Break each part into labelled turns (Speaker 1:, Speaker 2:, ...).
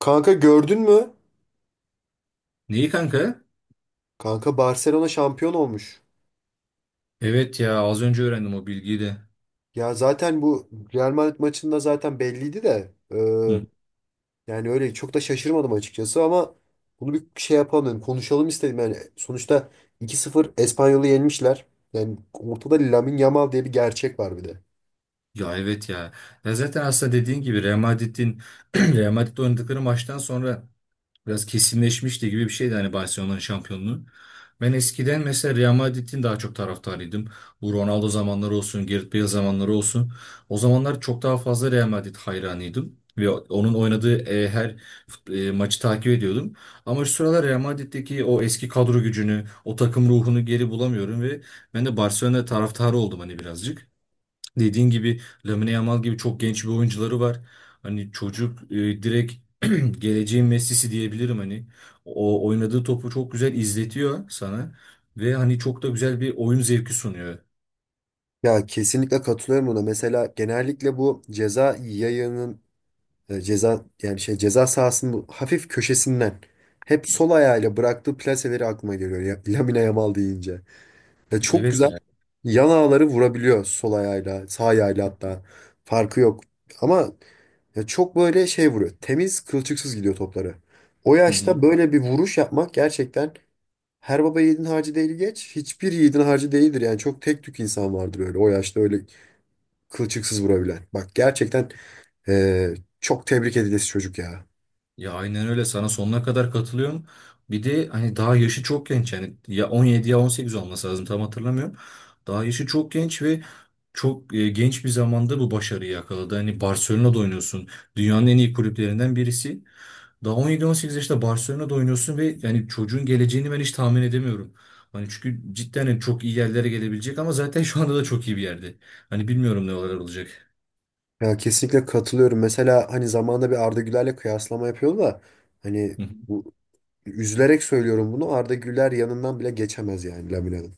Speaker 1: Kanka, gördün mü?
Speaker 2: Neyi kanka?
Speaker 1: Kanka, Barcelona şampiyon olmuş.
Speaker 2: Evet ya, az önce öğrendim o bilgiyi de.
Speaker 1: Ya zaten bu Real Madrid maçında zaten belliydi de.
Speaker 2: Hı.
Speaker 1: Yani öyle çok da şaşırmadım açıkçası ama bunu bir şey yapalım, dedim. Konuşalım istedim. Yani sonuçta 2-0 Espanyol'u yenmişler. Yani ortada Lamine Yamal diye bir gerçek var bir de.
Speaker 2: Ya evet ya. Ya zaten aslında dediğin gibi Real Madrid'in Real Madrid'le oynadıkları maçtan sonra biraz kesinleşmişti gibi bir şeydi hani, Barcelona'nın şampiyonluğu. Ben eskiden mesela Real Madrid'in daha çok taraftarıydım. Bu Ronaldo zamanları olsun, Gareth Bale zamanları olsun. O zamanlar çok daha fazla Real Madrid hayranıydım. Ve onun oynadığı her maçı takip ediyordum. Ama şu sıralar Real Madrid'deki o eski kadro gücünü, o takım ruhunu geri bulamıyorum ve ben de Barcelona taraftarı oldum hani, birazcık. Dediğin gibi Lamine Yamal gibi çok genç bir oyuncuları var. Hani çocuk direkt geleceğin Messi'si diyebilirim hani. O oynadığı topu çok güzel izletiyor sana ve hani çok da güzel bir oyun zevki sunuyor.
Speaker 1: Ya kesinlikle katılıyorum buna. Mesela genellikle bu ceza yayının, e, ceza yani şey ceza sahasının bu hafif köşesinden hep sol ayağıyla bıraktığı plaseleri aklıma geliyor ya, Lamine Yamal deyince. Ya çok
Speaker 2: Evet
Speaker 1: güzel.
Speaker 2: ya.
Speaker 1: Yan ağları vurabiliyor sol ayağıyla, sağ ayağıyla hatta. Farkı yok. Ama ya çok böyle şey vuruyor. Temiz, kılçıksız gidiyor topları. O
Speaker 2: Hı hı.
Speaker 1: yaşta böyle bir vuruş yapmak gerçekten her baba yiğidin harcı değil geç. Hiçbir yiğidin harcı değildir. Yani çok tek tük insan vardır öyle. O yaşta öyle kılçıksız vurabilen. Bak, gerçekten çok tebrik edilesi çocuk ya.
Speaker 2: Ya aynen öyle, sana sonuna kadar katılıyorum. Bir de hani daha yaşı çok genç, yani ya 17 ya 18 olması lazım, tam hatırlamıyorum. Daha yaşı çok genç ve çok genç bir zamanda bu başarıyı yakaladı. Hani Barcelona'da oynuyorsun. Dünyanın en iyi kulüplerinden birisi. Daha on yedi on sekiz yaşında Barcelona'da oynuyorsun ve yani çocuğun geleceğini ben hiç tahmin edemiyorum. Hani çünkü cidden hani çok iyi yerlere gelebilecek, ama zaten şu anda da çok iyi bir yerde. Hani bilmiyorum ne olarak olacak.
Speaker 1: Ya kesinlikle katılıyorum. Mesela hani zamanında bir Arda Güler'le kıyaslama yapıyordu da hani
Speaker 2: Hı hı.
Speaker 1: bu, üzülerek söylüyorum bunu, Arda Güler yanından bile geçemez yani Lamina'nın.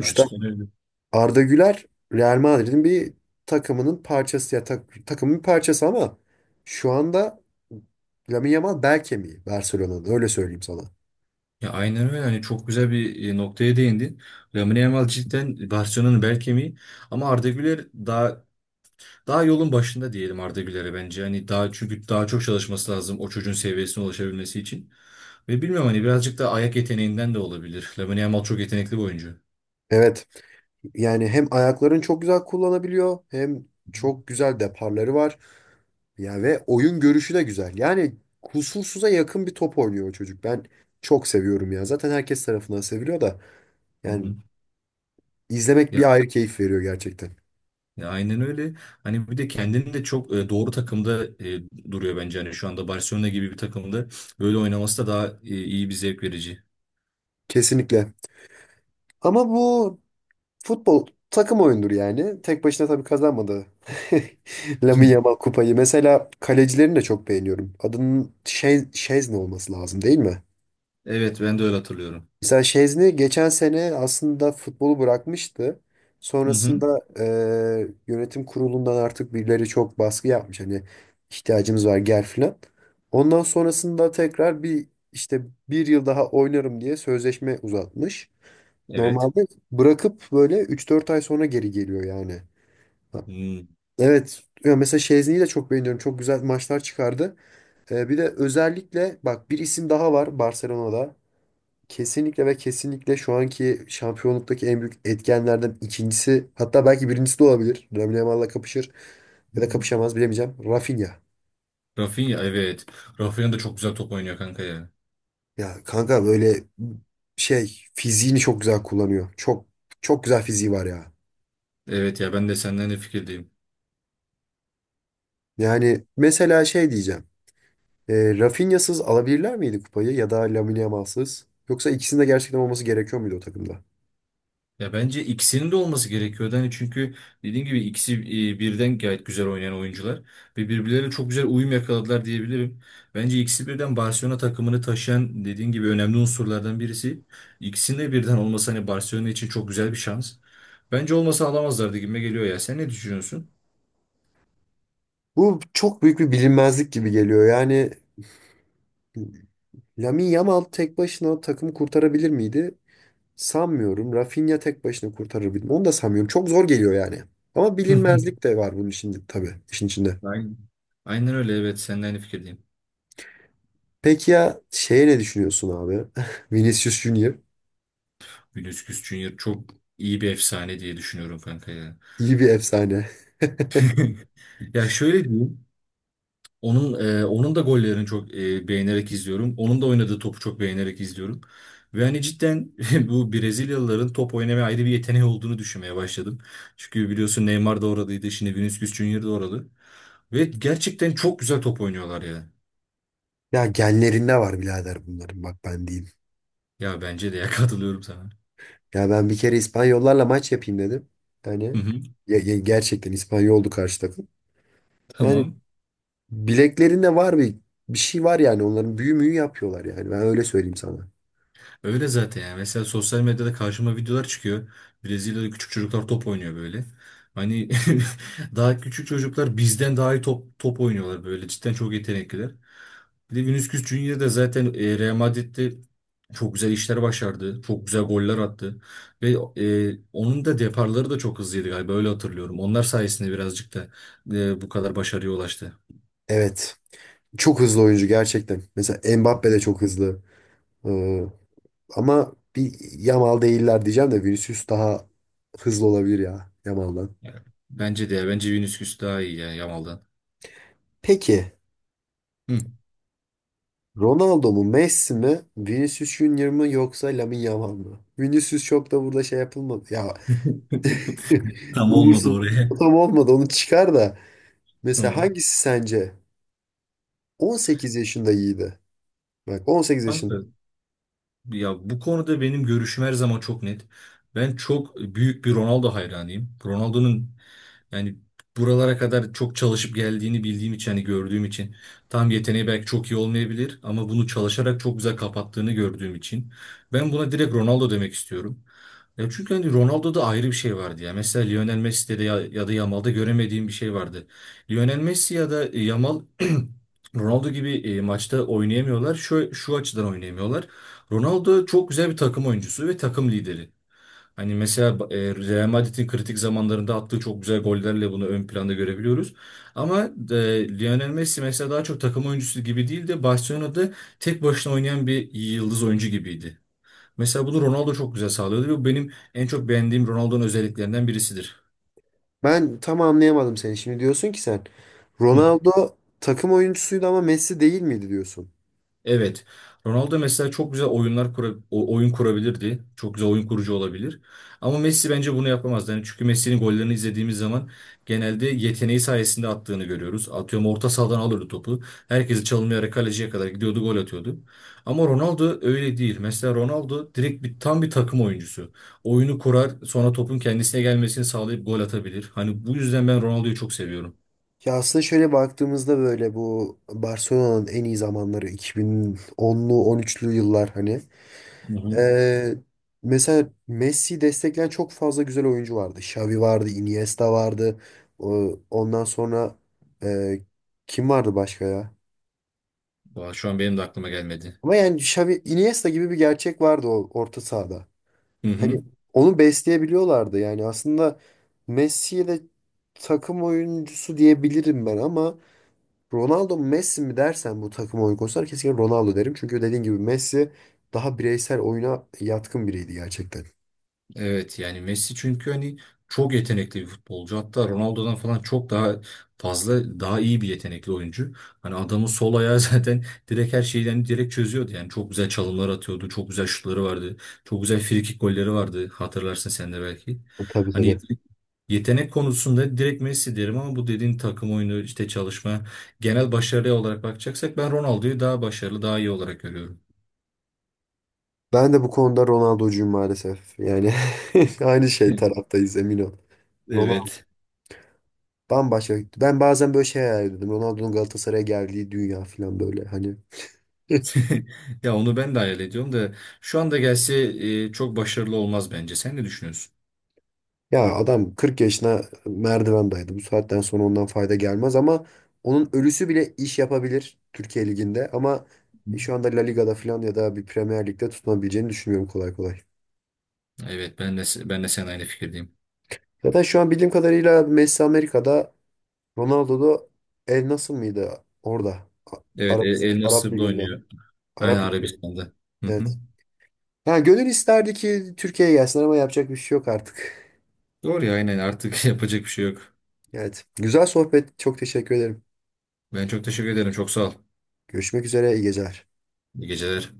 Speaker 2: Ya cidden öyle.
Speaker 1: Arda Güler Real Madrid'in bir takımının parçası, ya takımın bir parçası ama şu anda Lamine Yamal bel kemiği Barcelona'nın, öyle söyleyeyim sana.
Speaker 2: Ya aynen öyle. Hani çok güzel bir noktaya değindin. Lamine Yamal cidden Barcelona'nın bel kemiği, ama Arda Güler daha yolun başında diyelim Arda Güler'e, bence. Hani daha, çünkü daha çok çalışması lazım o çocuğun seviyesine ulaşabilmesi için. Ve bilmiyorum, hani birazcık da ayak yeteneğinden de olabilir. Lamine Yamal çok yetenekli bir oyuncu.
Speaker 1: Evet, yani hem ayaklarını çok güzel kullanabiliyor hem çok güzel deparları var. Ya ve oyun görüşü de güzel. Yani kusursuza yakın bir top oynuyor o çocuk. Ben çok seviyorum ya. Zaten herkes tarafından seviliyor da,
Speaker 2: Hı
Speaker 1: yani,
Speaker 2: hı.
Speaker 1: İzlemek
Speaker 2: Ya,
Speaker 1: bir ayrı keyif veriyor gerçekten.
Speaker 2: ya aynen öyle. Hani bir de kendini de çok doğru takımda duruyor bence. Hani şu anda Barcelona gibi bir takımda böyle oynaması da daha iyi, bir zevk verici.
Speaker 1: Kesinlikle. Ama bu futbol takım oyundur yani. Tek başına tabii kazanmadı Lamine
Speaker 2: Hı.
Speaker 1: Yamal kupayı. Mesela kalecilerini de çok beğeniyorum. Adının şey, Şezne olması lazım, değil mi?
Speaker 2: Evet, ben de öyle hatırlıyorum.
Speaker 1: Mesela Şezni geçen sene aslında futbolu bırakmıştı.
Speaker 2: Hı hı.
Speaker 1: Sonrasında yönetim kurulundan artık birileri çok baskı yapmış. Hani ihtiyacımız var, gel filan. Ondan sonrasında tekrar bir işte bir yıl daha oynarım diye sözleşme uzatmış.
Speaker 2: Evet.
Speaker 1: Normalde bırakıp böyle üç dört ay sonra geri geliyor yani. Ha,
Speaker 2: Hı.
Speaker 1: evet. Ya mesela Şezni'yi de çok beğeniyorum. Çok güzel maçlar çıkardı. Bir de özellikle bak, bir isim daha var Barcelona'da. Kesinlikle ve kesinlikle şu anki şampiyonluktaki en büyük etkenlerden ikincisi, hatta belki birincisi de olabilir. Lamine Yamal'la kapışır ya da kapışamaz bilemeyeceğim. Rafinha.
Speaker 2: Rafinha, evet. Rafinha da çok güzel top oynuyor kanka ya.
Speaker 1: Ya kanka, böyle şey, fiziğini çok güzel kullanıyor. Çok çok güzel fiziği var ya.
Speaker 2: Evet ya, ben de senden de fikirdeyim.
Speaker 1: Yani mesela şey diyeceğim. Rafinha'sız alabilirler miydi kupayı ya da Lamine Yamal'sız? Yoksa ikisinin de gerçekten olması gerekiyor muydu o takımda?
Speaker 2: Ya bence ikisinin de olması gerekiyordu. Yani çünkü dediğim gibi ikisi birden gayet güzel oynayan oyuncular ve birbirlerine çok güzel uyum yakaladılar diyebilirim. Bence ikisi birden Barcelona takımını taşıyan, dediğim gibi, önemli unsurlardan birisi. İkisinin de birden olması hani Barcelona için çok güzel bir şans. Bence olmasa alamazlardı gibime geliyor ya. Sen ne düşünüyorsun?
Speaker 1: Bu çok büyük bir bilinmezlik gibi geliyor. Yani Lamine Yamal tek başına takımı kurtarabilir miydi? Sanmıyorum. Rafinha tek başına kurtarır bilmem. Onu da sanmıyorum. Çok zor geliyor yani. Ama bilinmezlik de var bunun içinde tabii, işin içinde.
Speaker 2: Ben aynen öyle, evet, seninle aynı fikirdeyim.
Speaker 1: Peki ya şeye ne düşünüyorsun abi? Vinicius Junior.
Speaker 2: Vinicius Junior çok iyi bir efsane diye düşünüyorum kanka ya.
Speaker 1: İyi bir efsane.
Speaker 2: Ya şöyle diyeyim. Onun onun da gollerini çok beğenerek izliyorum. Onun da oynadığı topu çok beğenerek izliyorum. Ve hani cidden bu Brezilyalıların top oynamaya ayrı bir yeteneği olduğunu düşünmeye başladım. Çünkü biliyorsun Neymar da oradaydı. Şimdi Vinicius Junior da oralı. Ve gerçekten çok güzel top oynuyorlar ya.
Speaker 1: Ya genlerinde var birader bunların, bak ben diyeyim.
Speaker 2: Ya bence de ya, katılıyorum sana.
Speaker 1: Ya ben bir kere İspanyollarla maç yapayım dedim. Yani
Speaker 2: Hı hı,
Speaker 1: ya gerçekten İspanyoldu karşı takım. Yani
Speaker 2: tamam.
Speaker 1: bileklerinde var bir, bir şey var yani, onların büyü müyü yapıyorlar yani, ben öyle söyleyeyim sana.
Speaker 2: Öyle zaten yani. Mesela sosyal medyada karşıma videolar çıkıyor. Brezilya'da küçük çocuklar top oynuyor böyle. Hani daha küçük çocuklar bizden daha iyi top oynuyorlar böyle. Cidden çok yetenekliler. Bir de Vinicius Junior da zaten Real Madrid'de çok güzel işler başardı. Çok güzel goller attı. Ve onun da deparları da çok hızlıydı galiba, öyle hatırlıyorum. Onlar sayesinde birazcık da bu kadar başarıya ulaştı.
Speaker 1: Evet. Çok hızlı oyuncu gerçekten. Mesela Mbappe de çok hızlı. Ee, Ama bir, Yamal değiller diyeceğim de Vinicius daha hızlı olabilir ya Yamal'dan.
Speaker 2: Yani bence de ya, bence Vinicius daha iyi yani Yamal'dan.
Speaker 1: Peki,
Speaker 2: Hı.
Speaker 1: Ronaldo mu Messi mi Vinicius Junior mı yoksa Lamine Yamal mı? Vinicius çok da burada şey yapılmadı. Ya
Speaker 2: Tam olmadı
Speaker 1: Umut'un
Speaker 2: oraya.
Speaker 1: tam olmadı, onu çıkar da. Mesela
Speaker 2: Tamam.
Speaker 1: hangisi sence? 18 yaşında iyiydi. Bak, 18 yaşında.
Speaker 2: Kanka, ya bu konuda benim görüşüm her zaman çok net. Ben çok büyük bir Ronaldo hayranıyım. Ronaldo'nun, yani, buralara kadar çok çalışıp geldiğini bildiğim için, hani gördüğüm için, tam yeteneği belki çok iyi olmayabilir ama bunu çalışarak çok güzel kapattığını gördüğüm için ben buna direkt Ronaldo demek istiyorum. Ya çünkü hani Ronaldo'da ayrı bir şey vardı ya. Mesela Lionel Messi'de de ya, ya da Yamal'da göremediğim bir şey vardı. Lionel Messi ya da Yamal Ronaldo gibi maçta oynayamıyorlar. Şu açıdan oynayamıyorlar. Ronaldo çok güzel bir takım oyuncusu ve takım lideri. Hani mesela Real Madrid'in kritik zamanlarında attığı çok güzel gollerle bunu ön planda görebiliyoruz. Ama e, Lionel Messi mesela daha çok takım oyuncusu gibi değil de Barcelona'da tek başına oynayan bir yıldız oyuncu gibiydi. Mesela bunu Ronaldo çok güzel sağlıyordu ve bu benim en çok beğendiğim Ronaldo'nun özelliklerinden birisidir.
Speaker 1: Ben tam anlayamadım seni. Şimdi diyorsun ki sen
Speaker 2: Hı.
Speaker 1: Ronaldo takım oyuncusuydu ama Messi değil miydi diyorsun.
Speaker 2: Evet. Ronaldo mesela çok güzel oyunlar oyun kurabilirdi. Çok güzel oyun kurucu olabilir. Ama Messi bence bunu yapamaz. Yani çünkü Messi'nin gollerini izlediğimiz zaman genelde yeteneği sayesinde attığını görüyoruz. Atıyorum, orta sahadan alırdı topu. Herkesi çalımlayarak kaleciye kadar gidiyordu, gol atıyordu. Ama Ronaldo öyle değil. Mesela Ronaldo direkt bir takım oyuncusu. Oyunu kurar, sonra topun kendisine gelmesini sağlayıp gol atabilir. Hani bu yüzden ben Ronaldo'yu çok seviyorum.
Speaker 1: Ya aslında şöyle baktığımızda böyle, bu Barcelona'nın en iyi zamanları 2010'lu 13'lü yıllar hani.
Speaker 2: Hı hı.
Speaker 1: Ee, Mesela Messi'yi destekleyen çok fazla güzel oyuncu vardı. Xavi vardı, Iniesta vardı. Ondan sonra e, kim vardı başka ya?
Speaker 2: Vay, şu an benim de aklıma gelmedi.
Speaker 1: Ama yani Xavi, Iniesta gibi bir gerçek vardı o orta sahada.
Speaker 2: Hı hı.
Speaker 1: Hani onu besleyebiliyorlardı yani, aslında Messi'ye de takım oyuncusu diyebilirim ben ama Ronaldo mu Messi mi dersen bu takım oyun konusunda kesinlikle Ronaldo derim. Çünkü dediğin gibi Messi daha bireysel oyuna yatkın biriydi gerçekten.
Speaker 2: Evet yani Messi çünkü hani çok yetenekli bir futbolcu. Hatta Ronaldo'dan falan çok daha iyi bir yetenekli oyuncu. Hani adamın sol ayağı zaten direkt her şeyi, yani direkt çözüyordu. Yani çok güzel çalımlar atıyordu. Çok güzel şutları vardı. Çok güzel frikik golleri vardı. Hatırlarsın sen de belki.
Speaker 1: Tabii,
Speaker 2: Hani
Speaker 1: tabii.
Speaker 2: yetenek konusunda direkt Messi derim, ama bu dediğin takım oyunu, işte çalışma, genel başarıya olarak bakacaksak ben Ronaldo'yu daha iyi olarak görüyorum.
Speaker 1: Ben de bu konuda Ronaldo'cuyum maalesef. Yani aynı şey taraftayız, emin ol. Ronaldo
Speaker 2: Evet.
Speaker 1: bambaşka. Ben bazen böyle şey hayal ediyordum. Ronaldo'nun Galatasaray'a geldiği dünya falan, böyle hani.
Speaker 2: Ya onu ben de hayal ediyorum da, şu anda gelse çok başarılı olmaz bence. Sen ne düşünüyorsun?
Speaker 1: Ya adam 40 yaşına merdiven merdivendaydı. Bu saatten sonra ondan fayda gelmez ama onun ölüsü bile iş yapabilir Türkiye Ligi'nde ama şu anda La Liga'da falan ya da bir Premier Lig'de tutunabileceğini düşünmüyorum kolay kolay.
Speaker 2: Evet, ben de sen aynı fikirdeyim.
Speaker 1: Zaten şu an bildiğim kadarıyla Messi Amerika'da, Ronaldo da El nasıl mıydı orada? Arap
Speaker 2: El
Speaker 1: Arap
Speaker 2: Nasır'da
Speaker 1: Ligi'nde.
Speaker 2: oynuyor. Aynı
Speaker 1: Arap Ligi'nde.
Speaker 2: Arabistan'da. Hı hı.
Speaker 1: Evet. Ha, gönül isterdi ki Türkiye'ye gelsinler ama yapacak bir şey yok artık.
Speaker 2: Doğru ya, aynen, artık yapacak bir şey yok.
Speaker 1: Evet. Güzel sohbet. Çok teşekkür ederim.
Speaker 2: Ben çok teşekkür ederim. Çok sağ ol.
Speaker 1: Görüşmek üzere. İyi geceler.
Speaker 2: İyi geceler.